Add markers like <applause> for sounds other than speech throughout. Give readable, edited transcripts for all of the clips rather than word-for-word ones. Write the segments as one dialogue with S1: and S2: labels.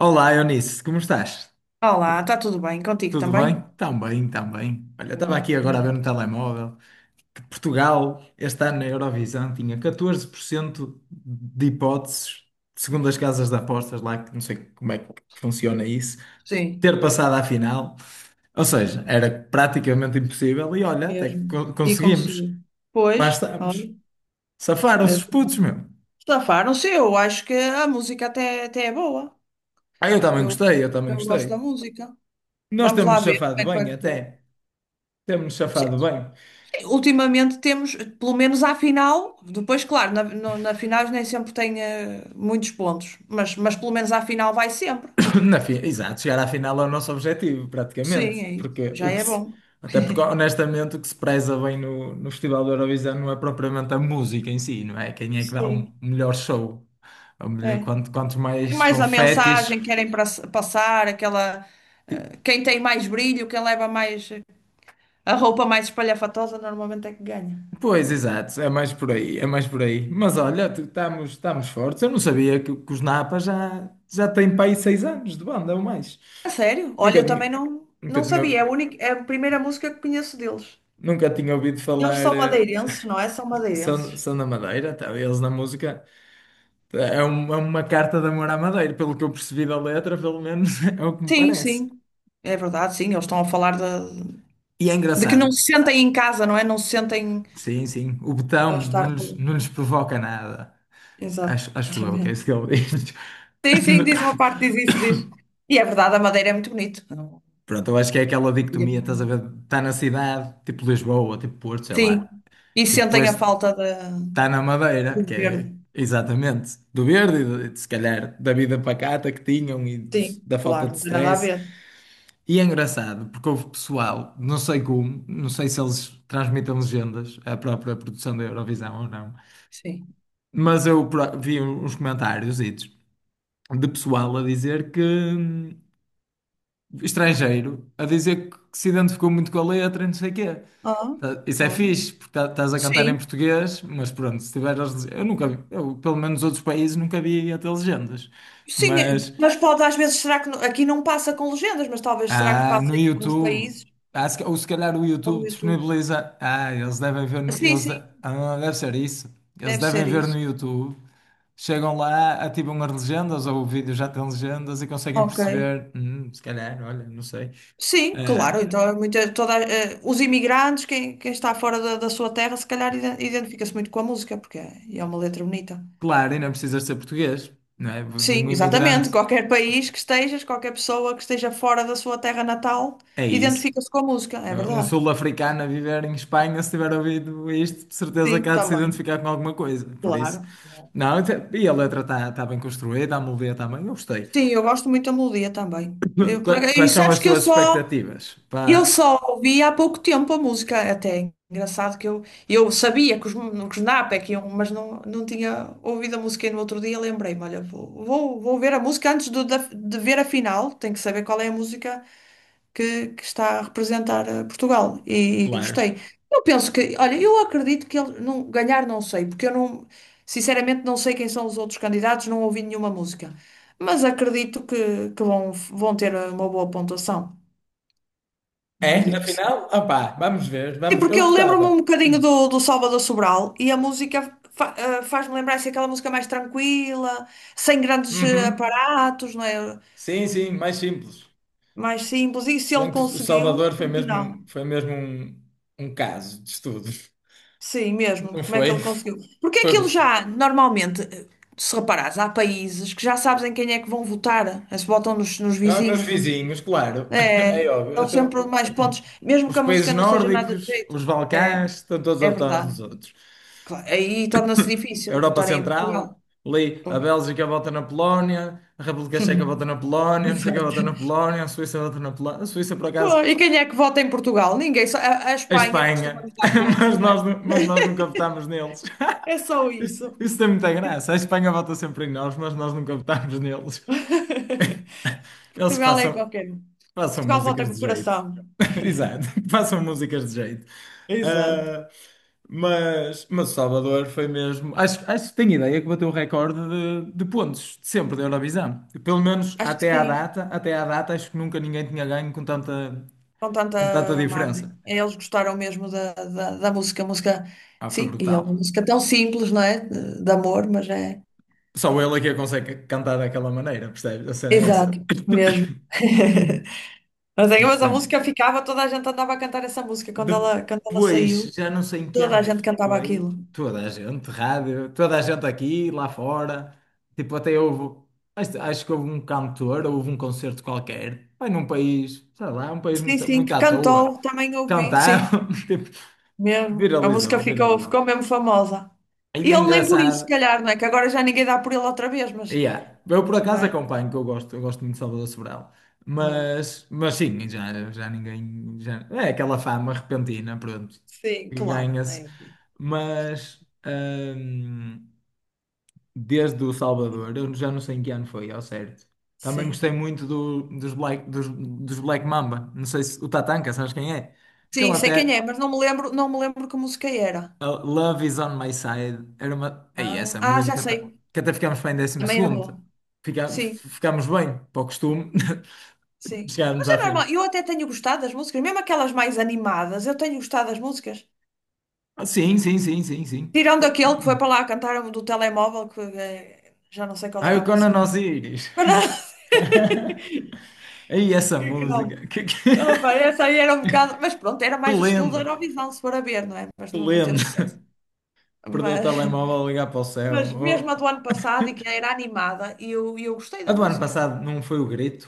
S1: Olá, Eunice, como estás?
S2: Olá, está tudo bem? Contigo
S1: Tudo bem?
S2: também?
S1: Tão bem, tão bem. Olha, eu estava
S2: Boa,
S1: aqui agora a ver
S2: então.
S1: no telemóvel que Portugal, este ano na Eurovisão, tinha 14% de hipóteses, segundo as casas de apostas lá, que não sei como é que funciona isso,
S2: Sim,
S1: ter passado à final. Ou seja, era praticamente impossível e olha, até que
S2: mesmo. E
S1: conseguimos.
S2: conseguiu.
S1: Lá
S2: Pois.
S1: estamos.
S2: Olha,
S1: Safaram-se
S2: é,
S1: os putos, meu.
S2: estafaram-se. Eu acho que a música até é boa.
S1: Ah, eu também
S2: Eu,
S1: gostei, eu também
S2: eu gosto da
S1: gostei.
S2: música.
S1: Nós
S2: Vamos lá
S1: temos-nos
S2: ver como
S1: safado
S2: é que vai
S1: bem
S2: correr.
S1: até. Temos-nos
S2: Sim,
S1: safado bem.
S2: sim, ultimamente temos, pelo menos à final, depois, claro, na final nem sempre tem muitos pontos, mas pelo menos à final vai sempre.
S1: <coughs> Exato, chegar à final é o nosso objetivo,
S2: Sim,
S1: praticamente.
S2: é isso.
S1: Porque
S2: Já
S1: o que
S2: é
S1: se-
S2: bom.
S1: Até porque, honestamente, o que se preza bem no Festival da Eurovisão não é propriamente a música em si, não é? Quem é que dá o
S2: Sim,
S1: melhor show?
S2: é.
S1: Quanto
S2: É
S1: mais
S2: mais a
S1: confetes.
S2: mensagem que querem passar, aquela. Quem tem mais brilho, quem leva mais. A roupa mais espalhafatosa normalmente é que ganha.
S1: Pois, exato, é mais por aí, é mais por aí. Mas olha, estamos fortes. Eu não sabia que os Napa já têm para aí 6 anos de banda ou mais.
S2: A sério? Olha,
S1: Nunca
S2: eu também
S1: tinha,
S2: não,
S1: nunca
S2: não sabia. É
S1: tinha,
S2: a única, é a primeira música que conheço deles.
S1: nunca tinha ouvido
S2: Eles
S1: falar.
S2: são madeirenses, não é? São
S1: São,
S2: madeirenses.
S1: são da Madeira, tá? Eles na música. É uma carta de amor à Madeira, pelo que eu percebi da letra, pelo menos <laughs> é o que me
S2: Sim,
S1: parece.
S2: sim. É verdade, sim. Eles estão a falar de,
S1: E é
S2: de que
S1: engraçado.
S2: não se sentem em casa, não é? Não se sentem.
S1: Sim, sim. O
S2: Vão
S1: botão
S2: estar.
S1: não lhes, não lhes provoca nada. Acho eu que é isso
S2: Exatamente.
S1: que ele diz.
S2: Sim, sim, diz uma parte,
S1: <coughs>
S2: diz isso,
S1: <laughs>
S2: diz. E é verdade, a Madeira é muito bonito.
S1: Pronto, eu acho que é aquela dicotomia, estás a ver? Está na cidade, tipo Lisboa, tipo Porto, sei
S2: Sim.
S1: lá.
S2: E
S1: E
S2: sentem a
S1: depois
S2: falta
S1: está na Madeira, que
S2: do
S1: é
S2: verde.
S1: exatamente do verde, se calhar da vida pacata que tinham e
S2: Sim,
S1: da falta
S2: claro,
S1: de
S2: não tem nada a
S1: stress.
S2: ver.
S1: E é engraçado, porque houve pessoal, não sei como, não sei se eles transmitem legendas, a própria produção da Eurovisão ou não,
S2: Sim.
S1: mas eu vi uns comentários de pessoal a dizer que, estrangeiro, a dizer que se identificou muito com a letra e não sei o quê.
S2: Ah,
S1: Isso é
S2: olha.
S1: fixe, porque estás a cantar em
S2: Sim.
S1: português, mas pronto, se tiveres as legendas, eu nunca vi, eu, pelo menos outros países nunca vi até legendas,
S2: Sim,
S1: mas.
S2: mas pode às vezes, será que aqui não passa com legendas, mas talvez será que
S1: Ah,
S2: passa
S1: no
S2: em alguns
S1: YouTube.
S2: países
S1: Ah, se ca- ou se calhar o
S2: ou
S1: YouTube
S2: no YouTube?
S1: disponibiliza. Ah, eles devem ver no.
S2: Sim, sim,
S1: Deve ser isso. Eles
S2: deve
S1: devem
S2: ser
S1: ver no
S2: isso.
S1: YouTube. Chegam lá, ativam as legendas, ou o vídeo já tem legendas e conseguem
S2: Ok.
S1: perceber. Se calhar, olha, não sei.
S2: Sim, claro,
S1: Ah,
S2: então é os imigrantes, quem está fora da sua terra, se calhar identifica-se muito com a música, porque é uma letra bonita.
S1: claro, e não precisas ser português, não é?
S2: Sim,
S1: Um imigrante
S2: exatamente. Qualquer país que estejas, qualquer pessoa que esteja fora da sua terra natal,
S1: é isso.
S2: identifica-se com a música, é
S1: Eh, Um
S2: verdade.
S1: sul-africano a viver em Espanha, se tiver ouvido isto, de certeza que
S2: Sim,
S1: há de se
S2: também,
S1: identificar com alguma coisa. Por isso,
S2: claro.
S1: não, e a letra está bem construída, a melodia está bem, eu gostei.
S2: Sim, eu gosto muito da melodia também.
S1: <coughs>
S2: E
S1: Quais são
S2: sabes
S1: as
S2: que eu
S1: suas
S2: só,
S1: expectativas?
S2: eu
S1: Pá,
S2: só ouvi há pouco tempo a música, até é engraçado que eu sabia que que os Napa que iam, mas não tinha ouvido a música e no outro dia lembrei-me, olha, vou ver a música antes ver a final, tenho que saber qual é a música que está a representar Portugal e
S1: claro.
S2: gostei. Eu penso que, olha, eu acredito que ele não, ganhar não sei, porque eu não, sinceramente não sei quem são os outros candidatos, não ouvi nenhuma música, mas acredito que vão ter uma boa pontuação.
S1: É, na
S2: Acredito que sim.
S1: final? Ah, pá, vamos ver,
S2: E
S1: vamos,
S2: porque
S1: eu
S2: eu lembro-me
S1: gostava.
S2: um bocadinho do Salvador Sobral e a música faz-me lembrar assim, aquela música mais tranquila, sem grandes
S1: Uhum.
S2: aparatos, não é?
S1: Sim, sim, mais simples.
S2: Mais simples. E se
S1: Se bem
S2: ele
S1: que o Salvador
S2: conseguiu, por que não?
S1: foi mesmo um caso de estudo.
S2: Sim, mesmo.
S1: Não
S2: Como é que
S1: foi?
S2: ele conseguiu? Porque
S1: Foi.
S2: aquilo já, normalmente, se reparares, há países que já sabes em quem é que vão votar. Se votam nos
S1: Ah, nos
S2: vizinhos.
S1: vizinhos, claro. <coughs> <laughs> É
S2: É,
S1: óbvio.
S2: dão sempre
S1: Então,
S2: mais pontos, mesmo que
S1: os
S2: a música
S1: países
S2: não seja nada de
S1: nórdicos,
S2: jeito.
S1: os
S2: É,
S1: Balcãs, estão todos
S2: é
S1: atrás dos
S2: verdade.
S1: outros.
S2: Claro, aí torna-se
S1: A
S2: difícil
S1: Europa
S2: votarem em
S1: Central,
S2: Portugal.
S1: ali a
S2: Pois.
S1: Bélgica vota na Polónia, a República Checa vota na
S2: <laughs>
S1: Polónia, não sei quem
S2: Exato.
S1: vota na Polónia, a Suíça vota na Polónia. A Suíça, por acaso,
S2: Bom, e quem é que vota em Portugal? Ninguém. A
S1: a
S2: Espanha costuma
S1: Espanha.
S2: nos dar
S1: <laughs>
S2: pontos,
S1: Mas
S2: não é?
S1: nós, nu- mas nós
S2: <laughs>
S1: nunca votámos neles.
S2: É só
S1: <laughs> Isso,
S2: isso.
S1: isso tem muita graça. A Espanha vota sempre em nós, mas nós nunca votámos neles.
S2: <laughs>
S1: Eles que
S2: Portugal é em
S1: façam,
S2: qualquer um.
S1: façam
S2: Portugal vota
S1: músicas
S2: com o
S1: de jeito.
S2: coração.
S1: <laughs> Exato, <laughs> que façam músicas de jeito.
S2: Exato.
S1: Ah, mas o Salvador foi mesmo. Acho que tenho ideia que bateu o recorde de pontos de sempre da Eurovisão. Pelo menos
S2: Acho que sim,
S1: até à data, acho que nunca ninguém tinha ganho com tanta,
S2: com tanta
S1: com tanta
S2: margem.
S1: diferença.
S2: Eles gostaram mesmo da música,
S1: Ah, foi
S2: sim, e é uma
S1: brutal.
S2: música tão simples, não é? De amor, mas é.
S1: Só ele é que consegue cantar daquela maneira, percebes? A cena é essa.
S2: Exato, mesmo.
S1: <coughs>
S2: <laughs> Mas, é,
S1: Muito
S2: mas a
S1: tempo.
S2: música ficava, toda a gente andava a cantar essa música quando quando ela
S1: Depois,
S2: saiu,
S1: já não sei em que
S2: toda
S1: ano
S2: a gente cantava
S1: foi,
S2: aquilo.
S1: toda a gente, rádio, toda a gente aqui, lá fora, tipo, até houve, acho que houve um cantor, houve um concerto qualquer, foi num país, sei lá, um país
S2: Sim,
S1: muito,
S2: sim,
S1: muito
S2: que
S1: à toa,
S2: cantou, também ouvi, sim,
S1: cantaram, <laughs> tipo,
S2: mesmo. A música
S1: viralizou,
S2: ficou,
S1: viralizou.
S2: ficou mesmo famosa.
S1: Aí
S2: E
S1: é
S2: ele nem por isso, se
S1: engraçado.
S2: calhar, não é? Que agora já ninguém dá por ele outra vez, mas.
S1: Yeah. Eu por acaso
S2: mas
S1: acompanho, que eu gosto muito de Salvador Sobral.
S2: ah,
S1: Mas sim, já, já ninguém. Já, é aquela fama repentina, pronto,
S2: sim,
S1: que
S2: claro.
S1: ganha-se.
S2: É.
S1: Mas desde o Salvador, eu já não sei em que ano foi, ao certo. Também gostei
S2: Sim.
S1: muito dos Black Mamba. Não sei se o Tatanka, sabes quem é? Que ele
S2: Sim, sei quem é,
S1: até,
S2: mas não me lembro que música era.
S1: Love is on my side. Era uma. Ei,
S2: Ah,
S1: essa
S2: ah, já
S1: música
S2: sei.
S1: que até ficámos bem em décimo
S2: Também era
S1: segundo.
S2: boa. Sim,
S1: Ficámos bem, para o costume, <laughs>
S2: sim.
S1: chegámos
S2: Mas é
S1: à fim.
S2: normal. Eu até tenho gostado das músicas, mesmo aquelas mais animadas, eu tenho gostado das músicas.
S1: Ah, sim, sim, sim, sim, sim.
S2: Tirando aquele que foi para lá cantar do telemóvel, que já não sei qual
S1: Ai,
S2: era
S1: o
S2: a
S1: Conan
S2: música.
S1: Osiris.
S2: Mas não- <laughs>
S1: <laughs> Ei, essa
S2: Que não.
S1: música.
S2: Opa,
S1: <laughs>
S2: essa aí era um bocado. Mas pronto, era
S1: Que
S2: mais o estilo da
S1: lenda,
S2: Eurovisão, se for a ver, não é? Mas
S1: que
S2: não teve
S1: lenda.
S2: sucesso.
S1: Perdeu o
S2: Mas,
S1: telemóvel a ligar para o
S2: <laughs>
S1: céu.
S2: mesmo a
S1: Oh.
S2: do ano passado, e que era animada, e eu gostei
S1: A
S2: da
S1: do ano
S2: música.
S1: passado não foi o grito?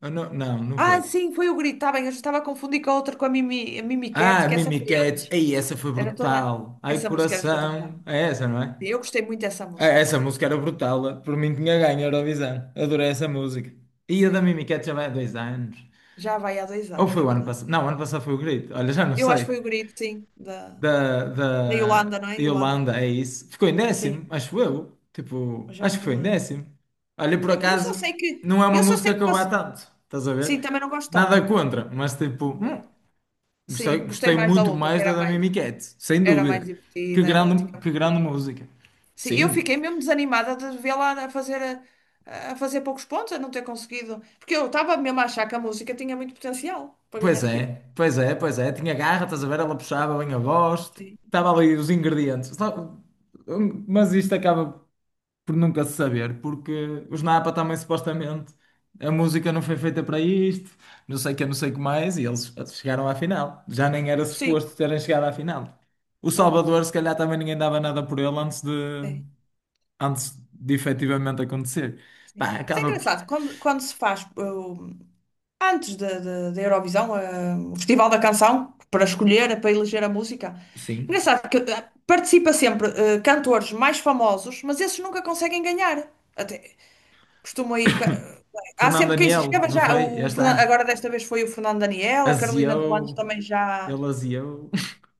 S1: Ah, não, não, não
S2: Ah,
S1: foi.
S2: sim, foi o grito, está bem, eu já estava a confundir com a outra, com a Mimi Cat,
S1: Ah,
S2: que essa
S1: Mimi
S2: foi
S1: Cat.
S2: antes.
S1: Ei, essa foi
S2: Era toda.
S1: brutal. Ai,
S2: Essa música era espetacular.
S1: coração.
S2: Sim,
S1: É essa, não é?
S2: eu gostei muito dessa
S1: Ah,
S2: música.
S1: essa música era brutal. Por mim tinha ganho a Eurovisão. Adorei essa música. E a da
S2: Sim,
S1: Mimi Cat já vai há 2 anos.
S2: já vai há dois
S1: Ou
S2: anos,
S1: foi
S2: é
S1: o ano
S2: verdade.
S1: passado? Não, o ano passado foi o Grito. Olha, já não
S2: Eu
S1: sei.
S2: acho que foi o grito, sim, da,
S1: Da,
S2: da Yolanda,
S1: da
S2: não é? Yolanda.
S1: Yolanda, é isso. Ficou em décimo,
S2: Sim,
S1: acho eu. Tipo,
S2: eu já
S1: acho
S2: não
S1: que
S2: me
S1: foi em
S2: lembro.
S1: décimo. Olha,
S2: Sei
S1: por
S2: lá. Eu só
S1: acaso,
S2: sei que.
S1: não é uma
S2: Eu só sei
S1: música que
S2: que
S1: eu vá
S2: posso.
S1: tanto. Estás a ver?
S2: Sim, também não gosto tanto.
S1: Nada contra, mas tipo,
S2: É.
S1: gostei,
S2: Sim, gostei
S1: gostei
S2: mais da
S1: muito
S2: outra, que
S1: mais da
S2: era
S1: da
S2: mais,
S1: Mimi Cat, sem
S2: era mais
S1: dúvida. Que
S2: divertida, era, tinha.
S1: grande, que grande música.
S2: Sim, eu
S1: Sim,
S2: fiquei mesmo desanimada de vê-la a fazer poucos pontos, a não ter conseguido. Porque eu estava mesmo a achar que a música tinha muito potencial para ganhar
S1: pois
S2: aquilo.
S1: é, pois é, pois é. Tinha garra, estás a ver? Ela puxava bem a voz,
S2: Sim.
S1: estava ali os ingredientes. Mas isto acaba por nunca se saber, porque os Napa também supostamente a música não foi feita para isto, não sei o que, não sei o que mais, e eles chegaram à final. Já nem era
S2: Sim,
S1: suposto terem chegado à final. O
S2: é
S1: Salvador,
S2: verdade.
S1: se calhar, também ninguém dava nada por ele antes de,
S2: Sim,
S1: antes de efetivamente acontecer.
S2: sim.
S1: Pá,
S2: Isso é
S1: acaba por.
S2: engraçado. Quando se faz antes da Eurovisão, o Festival da Canção, para escolher, para eleger a música,
S1: Sim.
S2: engraçado que participa sempre cantores mais famosos, mas esses nunca conseguem ganhar. Até, Costuma ir.
S1: <coughs>
S2: Há
S1: Fernando
S2: sempre quem se
S1: Daniel,
S2: escreva
S1: não
S2: já.
S1: foi? Este ano.
S2: Agora desta vez foi o Fernando Daniel, a Carolina de
S1: Aziou,
S2: também já.
S1: ele aziou.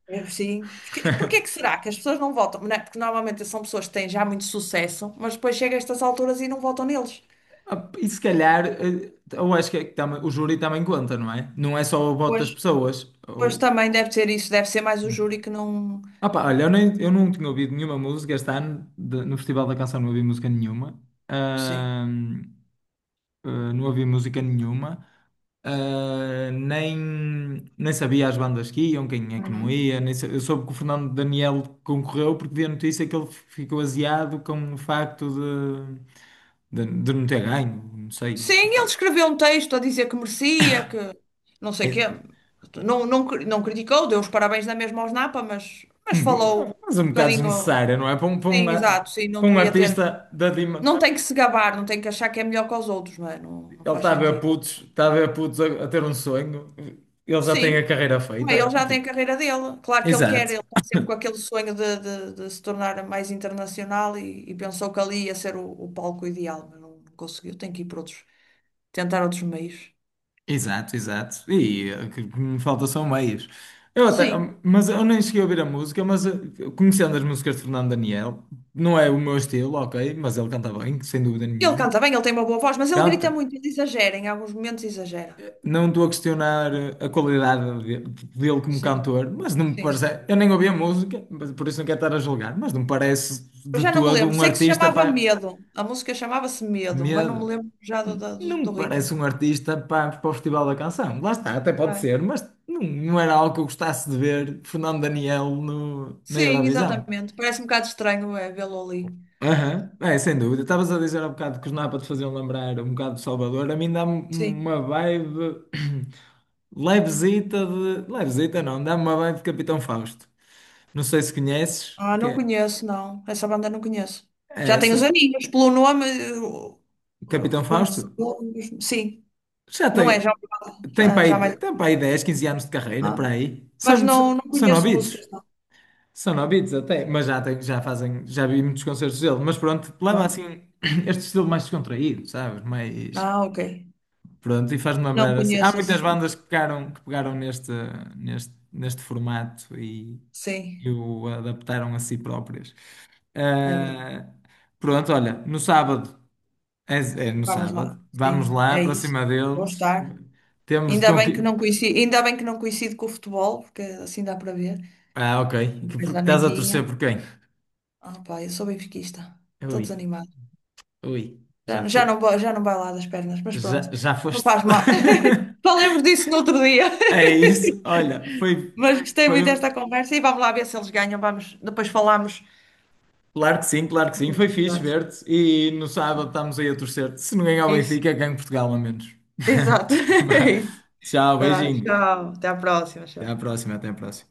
S2: É, sim. Porque é que
S1: <laughs>
S2: será que as pessoas não votam? Não é? Porque normalmente são pessoas que têm já muito sucesso, mas depois chega a estas alturas e não votam neles.
S1: Ah, e se calhar, eh, eu acho que é que o júri também conta, não é? Não é só o voto
S2: Pois.
S1: das pessoas.
S2: Pois
S1: Ou.
S2: também deve ser isso, deve ser mais o júri que não.
S1: Ah pá, olha, eu, nem, eu não tinha ouvido nenhuma música este ano, no Festival da Canção não ouvi música nenhuma.
S2: Sim.
S1: Não havia música nenhuma, eh, nem, nem sabia as bandas que iam, quem é que não
S2: Uhum.
S1: ia. Nem sa- Eu soube que o Fernando Daniel concorreu porque vi a notícia que ele ficou aziado com o facto de não ter ganho, não sei,
S2: Sim, ele
S1: tipo,
S2: escreveu um texto a dizer que merecia, que não sei o quê.
S1: é-
S2: Não, não, não criticou, deu os parabéns na mesma aos Napa, mas falou
S1: mas é um
S2: um
S1: bocado
S2: bocadinho.
S1: desnecessária, não é? Para um, para
S2: Sim,
S1: um, a-
S2: exato, sim, não
S1: para um
S2: devia ter.
S1: artista da Dima,
S2: Não tem que se gabar, não tem que achar que é melhor que os outros, não é? Não, não
S1: ele
S2: faz
S1: está a ver
S2: sentido.
S1: putos, está a ver putos a ter um sonho, ele já tem
S2: Sim,
S1: a carreira
S2: bem, ele
S1: feita,
S2: já tem
S1: tipo,
S2: a carreira dele. Claro que ele quer,
S1: exato.
S2: ele está sempre com aquele sonho de se tornar mais internacional e pensou que ali ia ser o palco ideal, mas não conseguiu. Tem que ir para outros, tentar outros meios.
S1: Exato, exato. E eh, que me falta são meias. Eu até,
S2: Sim,
S1: mas eu nem cheguei a ouvir a música, mas eh, conhecendo as músicas de Fernando Daniel, não é o meu estilo, ok, mas ele canta bem, sem dúvida
S2: ele
S1: nenhuma.
S2: canta bem, ele tem uma boa voz, mas ele grita
S1: Canta.
S2: muito, ele exagera, em alguns momentos exagera.
S1: Não estou a questionar eh, a qualidade dele como
S2: Sim,
S1: cantor, mas não me
S2: sim,
S1: parece.
S2: sim.
S1: Eu nem ouvi a música, mas por isso não quero estar a julgar, mas não me parece
S2: Eu
S1: de
S2: já não me
S1: todo
S2: lembro,
S1: um
S2: sei que se
S1: artista
S2: chamava Medo, a música chamava-se Medo, mas não me
S1: Medo.
S2: lembro já do, do do-
S1: Não
S2: do
S1: me parece
S2: ritmo.
S1: um artista para, para o Festival da Canção. Lá está, até pode
S2: Tá.
S1: ser, mas não, não era algo que eu gostasse de ver Fernando Daniel no, na
S2: Sim,
S1: Eurovisão.
S2: exatamente. Parece um bocado estranho, é, vê-lo ali.
S1: Aham, é, sem dúvida. Estavas a dizer há bocado que os Napa te faziam lembrar um bocado de Salvador. A mim dá-me
S2: Sim.
S1: uma vibe <clears throat> levezita de. Levezita não, dá-me uma vibe de Capitão Fausto. Não sei se conheces,
S2: Ah,
S1: que
S2: não
S1: é,
S2: conheço, não. Essa banda não conheço.
S1: é
S2: Já tenho os
S1: essa.
S2: aninhos, pelo nome, eu
S1: Capitão
S2: reconheço
S1: Fausto?
S2: o nome. Sim,
S1: Já
S2: não é, já,
S1: tem,
S2: já, já mais.
S1: tem para aí
S2: Assim.
S1: 10, 15 anos de carreira,
S2: Ah,
S1: para aí.
S2: mas
S1: São,
S2: não,
S1: são,
S2: não
S1: são
S2: conheço
S1: novitos.
S2: músicas, não.
S1: São novitos até, mas já, tem, já fazem, já vi muitos concertos dele. Mas pronto, leva
S2: Ah,
S1: assim <clears throat> este estilo mais descontraído, sabes? Mais,
S2: ah, ok.
S1: pronto, e faz-me
S2: Não
S1: lembrar assim. Há
S2: conheço,
S1: muitas
S2: assim.
S1: bandas que pegaram neste formato e
S2: Sim,
S1: o adaptaram a si próprias.
S2: é verdade.
S1: Ah, pronto, olha, no sábado, é, é no
S2: Vamos
S1: sábado,
S2: lá,
S1: vamos
S2: sim,
S1: lá
S2: é
S1: para
S2: isso.
S1: cima
S2: Vou
S1: deles.
S2: estar.
S1: Temos de
S2: Ainda bem que
S1: conquistar.
S2: não coincide, ainda bem que não coincide com o futebol, porque assim dá para ver.
S1: Ah, ok.
S2: Depois
S1: Porque
S2: da
S1: estás a
S2: noitinha.
S1: torcer por quem?
S2: Ah, pá, eu sou benfiquista. Estou
S1: Ui,
S2: desanimada.
S1: ui, já, fo
S2: Já não vai lá das pernas, mas
S1: já,
S2: pronto,
S1: já
S2: não
S1: foste.
S2: faz mal. <laughs>
S1: <laughs>
S2: Falemos disso no outro dia. <laughs>
S1: É isso, olha, foi,
S2: Mas gostei muito
S1: foi.
S2: desta conversa e vamos lá ver se eles ganham. Vamos, depois falamos.
S1: Claro que
S2: Dos
S1: sim, foi fixe
S2: resultados.
S1: ver-te. E no sábado estamos aí a torcer-te. Se não ganhar o
S2: Isso,
S1: Benfica, ganho Portugal, a menos.
S2: exato.
S1: <laughs>
S2: <laughs> É
S1: Vá.
S2: isso.
S1: Tchau,
S2: Tá,
S1: beijinho.
S2: tchau, até à próxima.
S1: Até à
S2: Tchau.
S1: próxima, até à próxima.